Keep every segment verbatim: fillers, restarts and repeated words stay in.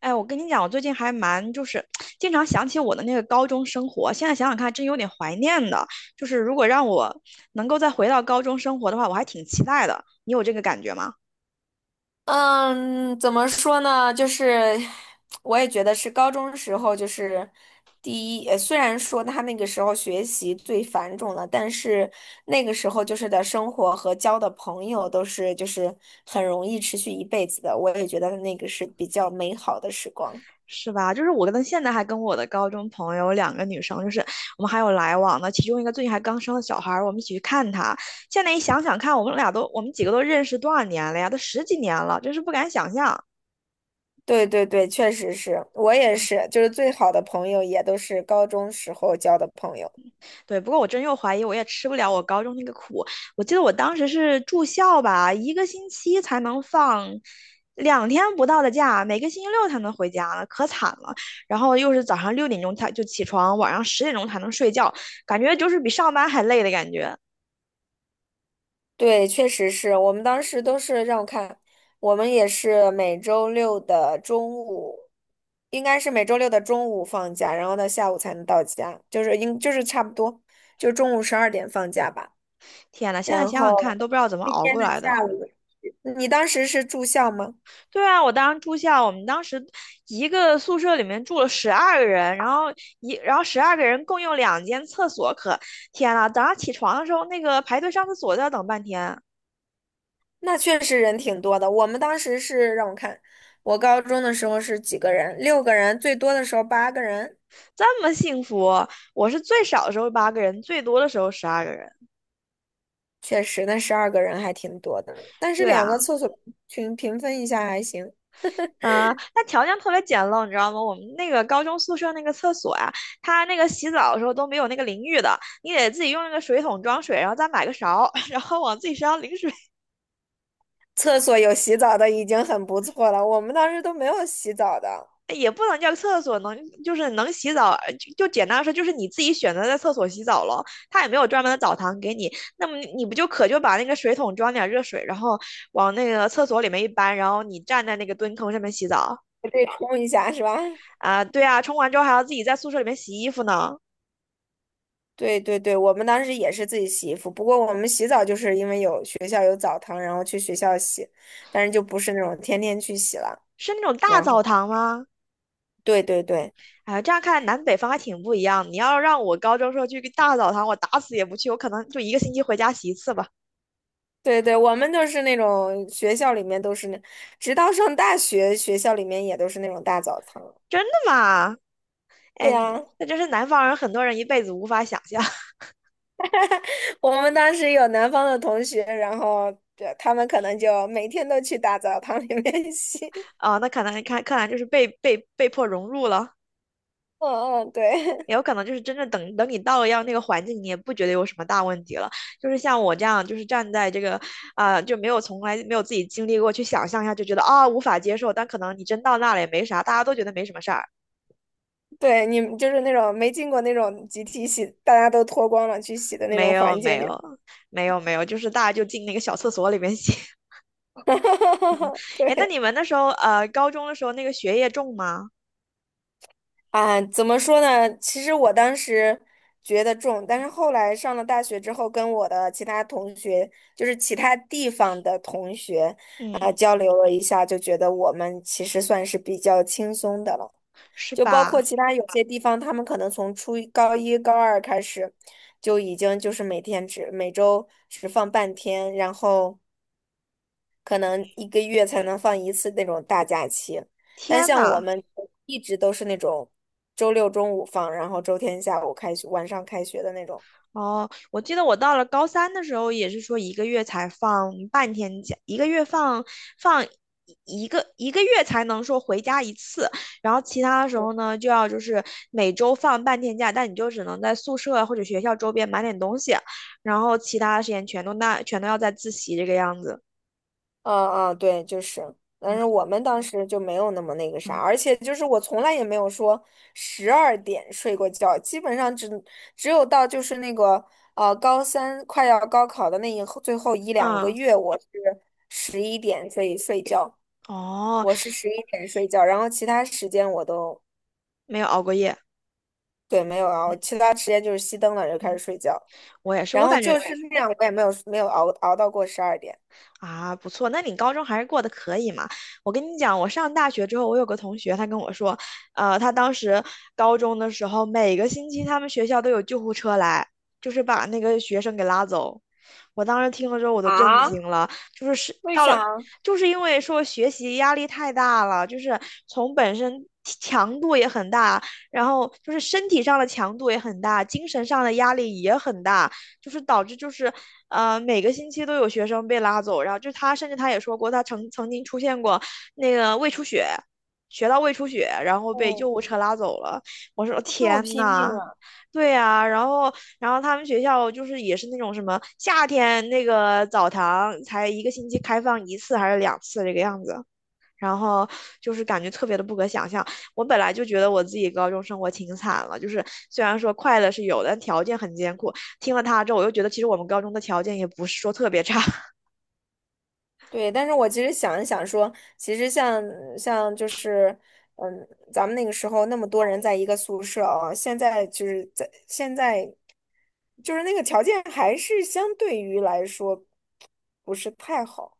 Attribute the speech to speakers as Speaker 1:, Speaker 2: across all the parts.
Speaker 1: 哎，我跟你讲，我最近还蛮就是经常想起我的那个高中生活，现在想想看，真有点怀念的。就是如果让我能够再回到高中生活的话，我还挺期待的。你有这个感觉吗？
Speaker 2: 嗯，怎么说呢？就是我也觉得是高中时候，就是第一，呃虽然说他那个时候学习最繁重了，但是那个时候就是的生活和交的朋友都是就是很容易持续一辈子的。我也觉得那个是比较美好的时光。
Speaker 1: 是吧？就是我跟现在还跟我的高中朋友两个女生，就是我们还有来往的，其中一个最近还刚生了小孩儿，我们一起去看她。现在一想想看，我们俩都我们几个都认识多少年了呀？都十几年了，真是不敢想象。
Speaker 2: 对对对，确实是我也是，就是最好的朋友也都是高中时候交的朋友。
Speaker 1: 对，不过我真又怀疑，我也吃不了我高中那个苦。我记得我当时是住校吧，一个星期才能放两天不到的假，每个星期六才能回家，可惨了。然后又是早上六点钟才就起床，晚上十点钟才能睡觉，感觉就是比上班还累的感觉。
Speaker 2: 对，确实是我们当时都是让我看，我们也是每周六的中午，应该是每周六的中午放假，然后到下午才能到家，就是应就是差不多，就中午十二点放假吧。
Speaker 1: 天呐，现在
Speaker 2: 然
Speaker 1: 想想
Speaker 2: 后
Speaker 1: 看，都不知道怎么
Speaker 2: 那
Speaker 1: 熬
Speaker 2: 天
Speaker 1: 过
Speaker 2: 的
Speaker 1: 来的。
Speaker 2: 下午，你当时是住校吗？
Speaker 1: 对啊，我当时住校，我们当时一个宿舍里面住了十二个人，然后一然后十二个人共用两间厕所可，天呐，早上起床的时候，那个排队上厕所都要等半天，
Speaker 2: 那确实人挺多的。我们当时是让我看，我高中的时候是几个人，六个人，最多的时候八个人，
Speaker 1: 这么幸福。我是最少的时候八个人，最多的时候十二个人。
Speaker 2: 确实那十二个人还挺多的，但是
Speaker 1: 对啊，
Speaker 2: 两个厕所。群平分一下还行。
Speaker 1: 嗯、那条件特别简陋，你知道吗？我们那个高中宿舍那个厕所呀、它那个洗澡的时候都没有那个淋浴的，你得自己用那个水桶装水，然后再买个勺，然后往自己身上淋水。
Speaker 2: 厕所有洗澡的已经很不错了，我们当时都没有洗澡的，
Speaker 1: 也不能叫厕所，能就是能洗澡，呃就就简单说，就是你自己选择在厕所洗澡了，他也没有专门的澡堂给你，那么你不就可就把那个水桶装点热水，然后往那个厕所里面一搬，然后你站在那个蹲坑上面洗澡
Speaker 2: 我得冲一下是吧？
Speaker 1: 啊？对啊，冲完之后还要自己在宿舍里面洗衣服呢，
Speaker 2: 对对对，我们当时也是自己洗衣服，不过我们洗澡就是因为有学校有澡堂，然后去学校洗，但是就不是那种天天去洗了。
Speaker 1: 是那种大
Speaker 2: 然后，
Speaker 1: 澡堂吗？
Speaker 2: 对对对
Speaker 1: 哎，这样看来南北方还挺不一样。你要让我高中时候去个大澡堂，我打死也不去，我可能就一个星期回家洗一次吧。
Speaker 2: 对对，我们就是那种学校里面都是那，直到上大学，学校里面也都是那种大澡堂。
Speaker 1: 真的吗？
Speaker 2: 对
Speaker 1: 哎，
Speaker 2: 呀，
Speaker 1: 那真是南方人很多人一辈子无法想象。
Speaker 2: 我们当时有南方的同学，然后对他们可能就每天都去大澡堂里面 洗。
Speaker 1: 啊，那可能看看来就是被被被迫融入了，
Speaker 2: 嗯嗯，对
Speaker 1: 也有可能就是真正等等你到了要那个环境，你也不觉得有什么大问题了。就是像我这样，就是站在这个啊、就没有从来没有自己经历过，去想象一下就觉得啊、无法接受，但可能你真到那了也没啥，大家都觉得没什么事儿。
Speaker 2: 对，你们就是那种没进过那种集体洗，大家都脱光了去洗的那
Speaker 1: 没
Speaker 2: 种
Speaker 1: 有
Speaker 2: 环
Speaker 1: 没
Speaker 2: 境就，
Speaker 1: 有没有没有，就是大家就进那个小厕所里面写。哎，那
Speaker 2: 对
Speaker 1: 你们那时候呃高中的时候那个学业重吗？
Speaker 2: 啊，怎么说呢？其实我当时觉得重，但是后来上了大学之后，跟我的其他同学，就是其他地方的同学，啊、
Speaker 1: 嗯，
Speaker 2: 交流了一下，就觉得我们其实算是比较轻松的了。
Speaker 1: 是
Speaker 2: 就包
Speaker 1: 吧？
Speaker 2: 括其他有些地方，他们可能从初一、高一、高二开始，就已经就是每天只每周只放半天，然后可能一个月才能放一次那种大假期。但
Speaker 1: 天
Speaker 2: 像我
Speaker 1: 呐！
Speaker 2: 们一直都是那种周六中午放，然后周天下午开学，晚上开学的那种。
Speaker 1: 哦，我记得我到了高三的时候，也是说一个月才放半天假，一个月放放一个一个月才能说回家一次，然后其他的时候呢，就要就是每周放半天假，但你就只能在宿舍或者学校周边买点东西，然后其他的时间全都那全都要在自习这个样子。
Speaker 2: 嗯嗯，对，就是，但是
Speaker 1: 嗯
Speaker 2: 我们当时就没有那么那个啥，
Speaker 1: 嗯
Speaker 2: 而且就是我从来也没有说十二点睡过觉，基本上只只有到就是那个呃高三快要高考的那一后最后一两个
Speaker 1: 嗯，
Speaker 2: 月，我是十一点睡睡觉，
Speaker 1: 哦，
Speaker 2: 我是十一点睡觉，然后其他时间我都
Speaker 1: 没有熬过夜。
Speaker 2: 对没有熬，其他时间就是熄灯了就开始
Speaker 1: 嗯，
Speaker 2: 睡觉，
Speaker 1: 我也是，
Speaker 2: 然
Speaker 1: 我
Speaker 2: 后
Speaker 1: 感
Speaker 2: 就
Speaker 1: 觉
Speaker 2: 是那样，我也没有没有熬熬到过十二点。
Speaker 1: 啊，不错，那你高中还是过得可以嘛？我跟你讲，我上大学之后，我有个同学，他跟我说，呃，他当时高中的时候，每个星期他们学校都有救护车来，就是把那个学生给拉走。我当时听了之后，我都震惊
Speaker 2: 啊？
Speaker 1: 了，就是是
Speaker 2: 为
Speaker 1: 到了，
Speaker 2: 啥？
Speaker 1: 就是因为说学习压力太大了，就是从本身强度也很大，然后就是身体上的强度也很大，精神上的压力也很大。就是导致就是呃每个星期都有学生被拉走，然后就他甚至他也说过，他曾曾经出现过那个胃出血，学到胃出血，然后被救
Speaker 2: 哦，
Speaker 1: 护车拉走了。我说
Speaker 2: 这么
Speaker 1: 天
Speaker 2: 拼命
Speaker 1: 呐！
Speaker 2: 啊！
Speaker 1: 对呀、然后，然后他们学校就是也是那种什么夏天那个澡堂才一个星期开放一次还是两次这个样子，然后就是感觉特别的不可想象。我本来就觉得我自己高中生活挺惨了，就是虽然说快乐是有的，但条件很艰苦。听了他之后，我又觉得其实我们高中的条件也不是说特别差。
Speaker 2: 对，但是我其实想一想说，其实像像就是，嗯，咱们那个时候那么多人在一个宿舍啊，现在就是在现在，就是那个条件还是相对于来说不是太好，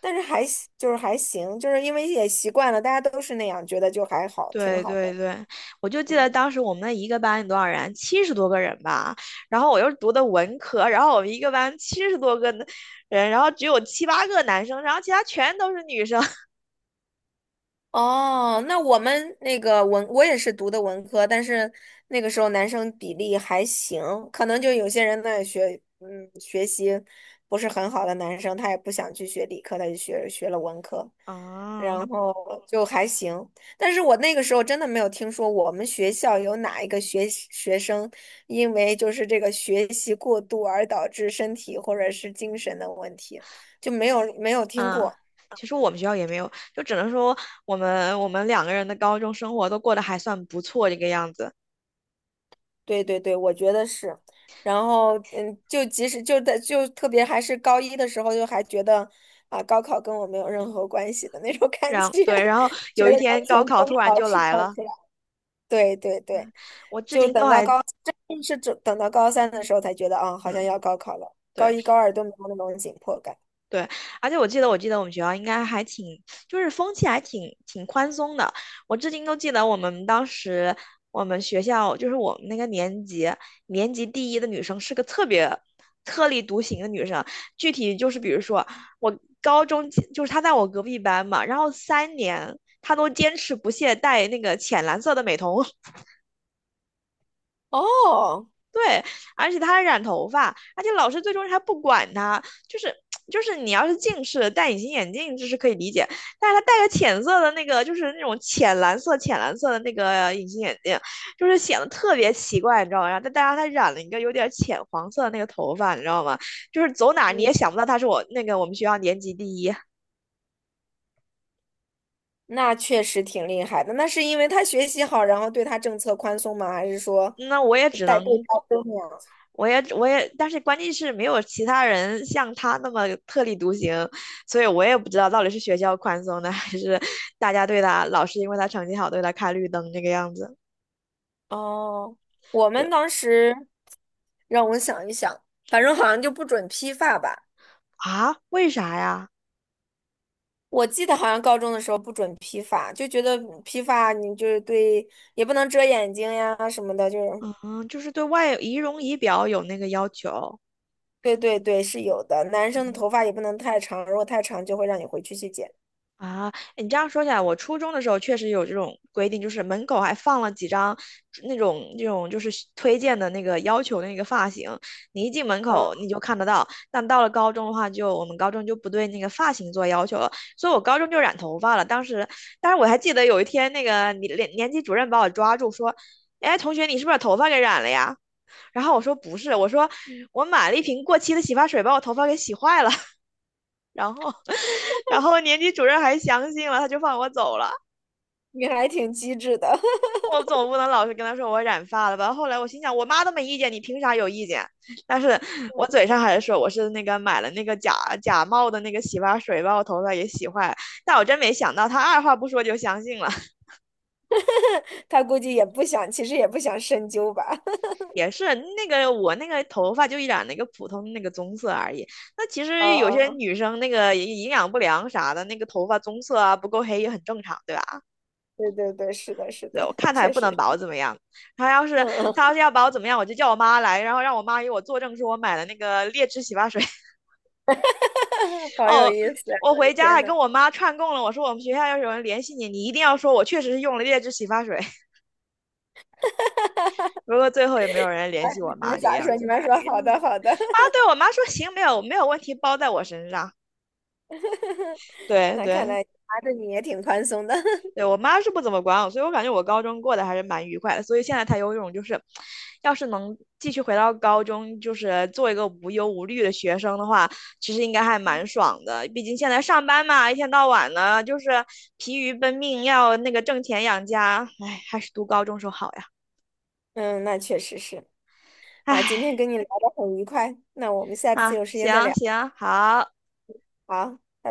Speaker 2: 但是还行就是还行，就是因为也习惯了，大家都是那样，觉得就还好，挺
Speaker 1: 对
Speaker 2: 好
Speaker 1: 对
Speaker 2: 的。
Speaker 1: 对，我就记得当时我们那一个班有多少人，七十多个人吧。然后我又读的文科，然后我们一个班七十多个人，然后只有七八个男生，然后其他全都是女生。
Speaker 2: 哦，那我们那个文，我也是读的文科，但是那个时候男生比例还行，可能就有些人在学，嗯，学习不是很好的男生，他也不想去学理科，他就学学了文科，
Speaker 1: 啊。
Speaker 2: 然后就还行。但是我那个时候真的没有听说我们学校有哪一个学学生因为就是这个学习过度而导致身体或者是精神的问题，就没有没有听
Speaker 1: 啊，
Speaker 2: 过。
Speaker 1: 其实我们学校也没有，就只能说我们我们两个人的高中生活都过得还算不错这个样子。
Speaker 2: 对对对，我觉得是。然后，嗯，就即使就在就特别还是高一的时候，就还觉得啊，高考跟我没有任何关系的那种感觉，
Speaker 1: 然对，然后
Speaker 2: 觉
Speaker 1: 有
Speaker 2: 得
Speaker 1: 一
Speaker 2: 刚
Speaker 1: 天高
Speaker 2: 从
Speaker 1: 考
Speaker 2: 中
Speaker 1: 突然
Speaker 2: 考
Speaker 1: 就
Speaker 2: 释
Speaker 1: 来
Speaker 2: 放
Speaker 1: 了，
Speaker 2: 出来。对对对，
Speaker 1: 我至
Speaker 2: 就
Speaker 1: 今都
Speaker 2: 等到
Speaker 1: 还
Speaker 2: 高，真是等等到高三的时候才觉得啊，好像
Speaker 1: 嗯。
Speaker 2: 要高考了。高
Speaker 1: 对。
Speaker 2: 一、高二都没有那种紧迫感。
Speaker 1: 对，而且我记得，我记得我们学校应该还挺，就是风气还挺挺宽松的。我至今都记得我们当时，我们学校就是我们那个年级，年级第一的女生是个特别特立独行的女生。具体就是，比如说我高中就是她在我隔壁班嘛，然后三年她都坚持不懈戴那个浅蓝色的美瞳。
Speaker 2: 哦，
Speaker 1: 对，而且他还染头发，而且老师最终还不管他，就是就是你要是近视戴隐形眼镜这是可以理解，但是他戴个浅色的那个就是那种浅蓝色浅蓝色的那个隐形眼镜，就是显得特别奇怪，你知道吗？然后再加上他染了一个有点浅黄色的那个头发，你知道吗？就是走哪儿你也想不到他是我那个我们学校年级第一，
Speaker 2: 那确实挺厉害的。那是因为他学习好，然后对他政策宽松吗？还是说
Speaker 1: 那我也只
Speaker 2: 代
Speaker 1: 能
Speaker 2: 购高增呀？
Speaker 1: 我也我也，但是关键是没有其他人像他那么特立独行，所以我也不知道到底是学校宽松的，还是大家对他老师因为他成绩好对他开绿灯这个样子。
Speaker 2: 哦，我
Speaker 1: 对
Speaker 2: 们当时让我想一想，反正好像就不准批发吧。
Speaker 1: 啊，为啥呀？
Speaker 2: 我记得好像高中的时候不准批发，就觉得批发你就是对，也不能遮眼睛呀什么的，就是
Speaker 1: 嗯，就是对外仪容仪表有那个要求。
Speaker 2: 对对对是有的。男生的头发也不能太长，如果太长就会让你回去去剪。
Speaker 1: 啊，你这样说起来，我初中的时候确实有这种规定，就是门口还放了几张那种那种就是推荐的那个要求的那个发型，你一进门口
Speaker 2: 嗯，
Speaker 1: 你就看得到。但到了高中的话就，我们高中就不对那个发型做要求了，所以我高中就染头发了。当时，但是我还记得有一天那个年年年级主任把我抓住说：“哎，同学，你是不是把头发给染了呀？”然后我说：“不是，我说我买了一瓶过期的洗发水，把我头发给洗坏了。”然后。然后年级主任还相信了，他就放我走了。
Speaker 2: 你还挺机智的。
Speaker 1: 我总不能老是跟他说我染发了吧？后来我心想，我妈都没意见，你凭啥有意见？但是我嘴上还是说我是那个买了那个假假冒的那个洗发水，把我头发也洗坏了。但我真没想到，他二话不说就相信了。
Speaker 2: 他估计也不想，其实也不想深究吧。
Speaker 1: 也是那个我那个头发就染了一个普通的那个棕色而已。那其
Speaker 2: 啊
Speaker 1: 实有
Speaker 2: 啊，
Speaker 1: 些
Speaker 2: 啊
Speaker 1: 女生那个营养不良啥的，那个头发棕色啊不够黑也很正常，对吧？
Speaker 2: 对对对，是的，是
Speaker 1: 对
Speaker 2: 的，
Speaker 1: 我看他也
Speaker 2: 确
Speaker 1: 不
Speaker 2: 实
Speaker 1: 能把我
Speaker 2: 是，
Speaker 1: 怎么样。他要是
Speaker 2: 嗯
Speaker 1: 他要
Speaker 2: 嗯，
Speaker 1: 是要把我怎么样，我就叫我妈来，然后让我妈给我作证，说我买了那个劣质洗发水。
Speaker 2: 好有
Speaker 1: 哦，
Speaker 2: 意思啊，
Speaker 1: 我
Speaker 2: 我的
Speaker 1: 回家
Speaker 2: 天
Speaker 1: 还跟
Speaker 2: 呐
Speaker 1: 我妈串供了，我说我们学校要是有人联系你，你一定要说我确实是用了劣质洗发水。不过最后也没有人联
Speaker 2: 哎，
Speaker 1: 系我
Speaker 2: 你
Speaker 1: 妈
Speaker 2: 们
Speaker 1: 这个
Speaker 2: 咋
Speaker 1: 样
Speaker 2: 说？你
Speaker 1: 子。
Speaker 2: 们说好的，好的，
Speaker 1: 啊，对我妈说行，没有没有问题，包在我身上。对
Speaker 2: 那看
Speaker 1: 对，
Speaker 2: 来拿着你也挺宽松的，
Speaker 1: 对我妈是不怎么管我，所以我感觉我高中过得还是蛮愉快的。所以现在她有一种就是，要是能继续回到高中，就是做一个无忧无虑的学生的话，其实应该还蛮爽的。毕竟现在上班嘛，一天到晚的，就是疲于奔命，要那个挣钱养家。唉，还是读高中时候好呀。
Speaker 2: 嗯，那确实是啊，今天
Speaker 1: 唉，
Speaker 2: 跟你聊得很愉快，那我们下次
Speaker 1: 啊，
Speaker 2: 有时间再
Speaker 1: 行
Speaker 2: 聊，
Speaker 1: 行好。
Speaker 2: 好，拜拜。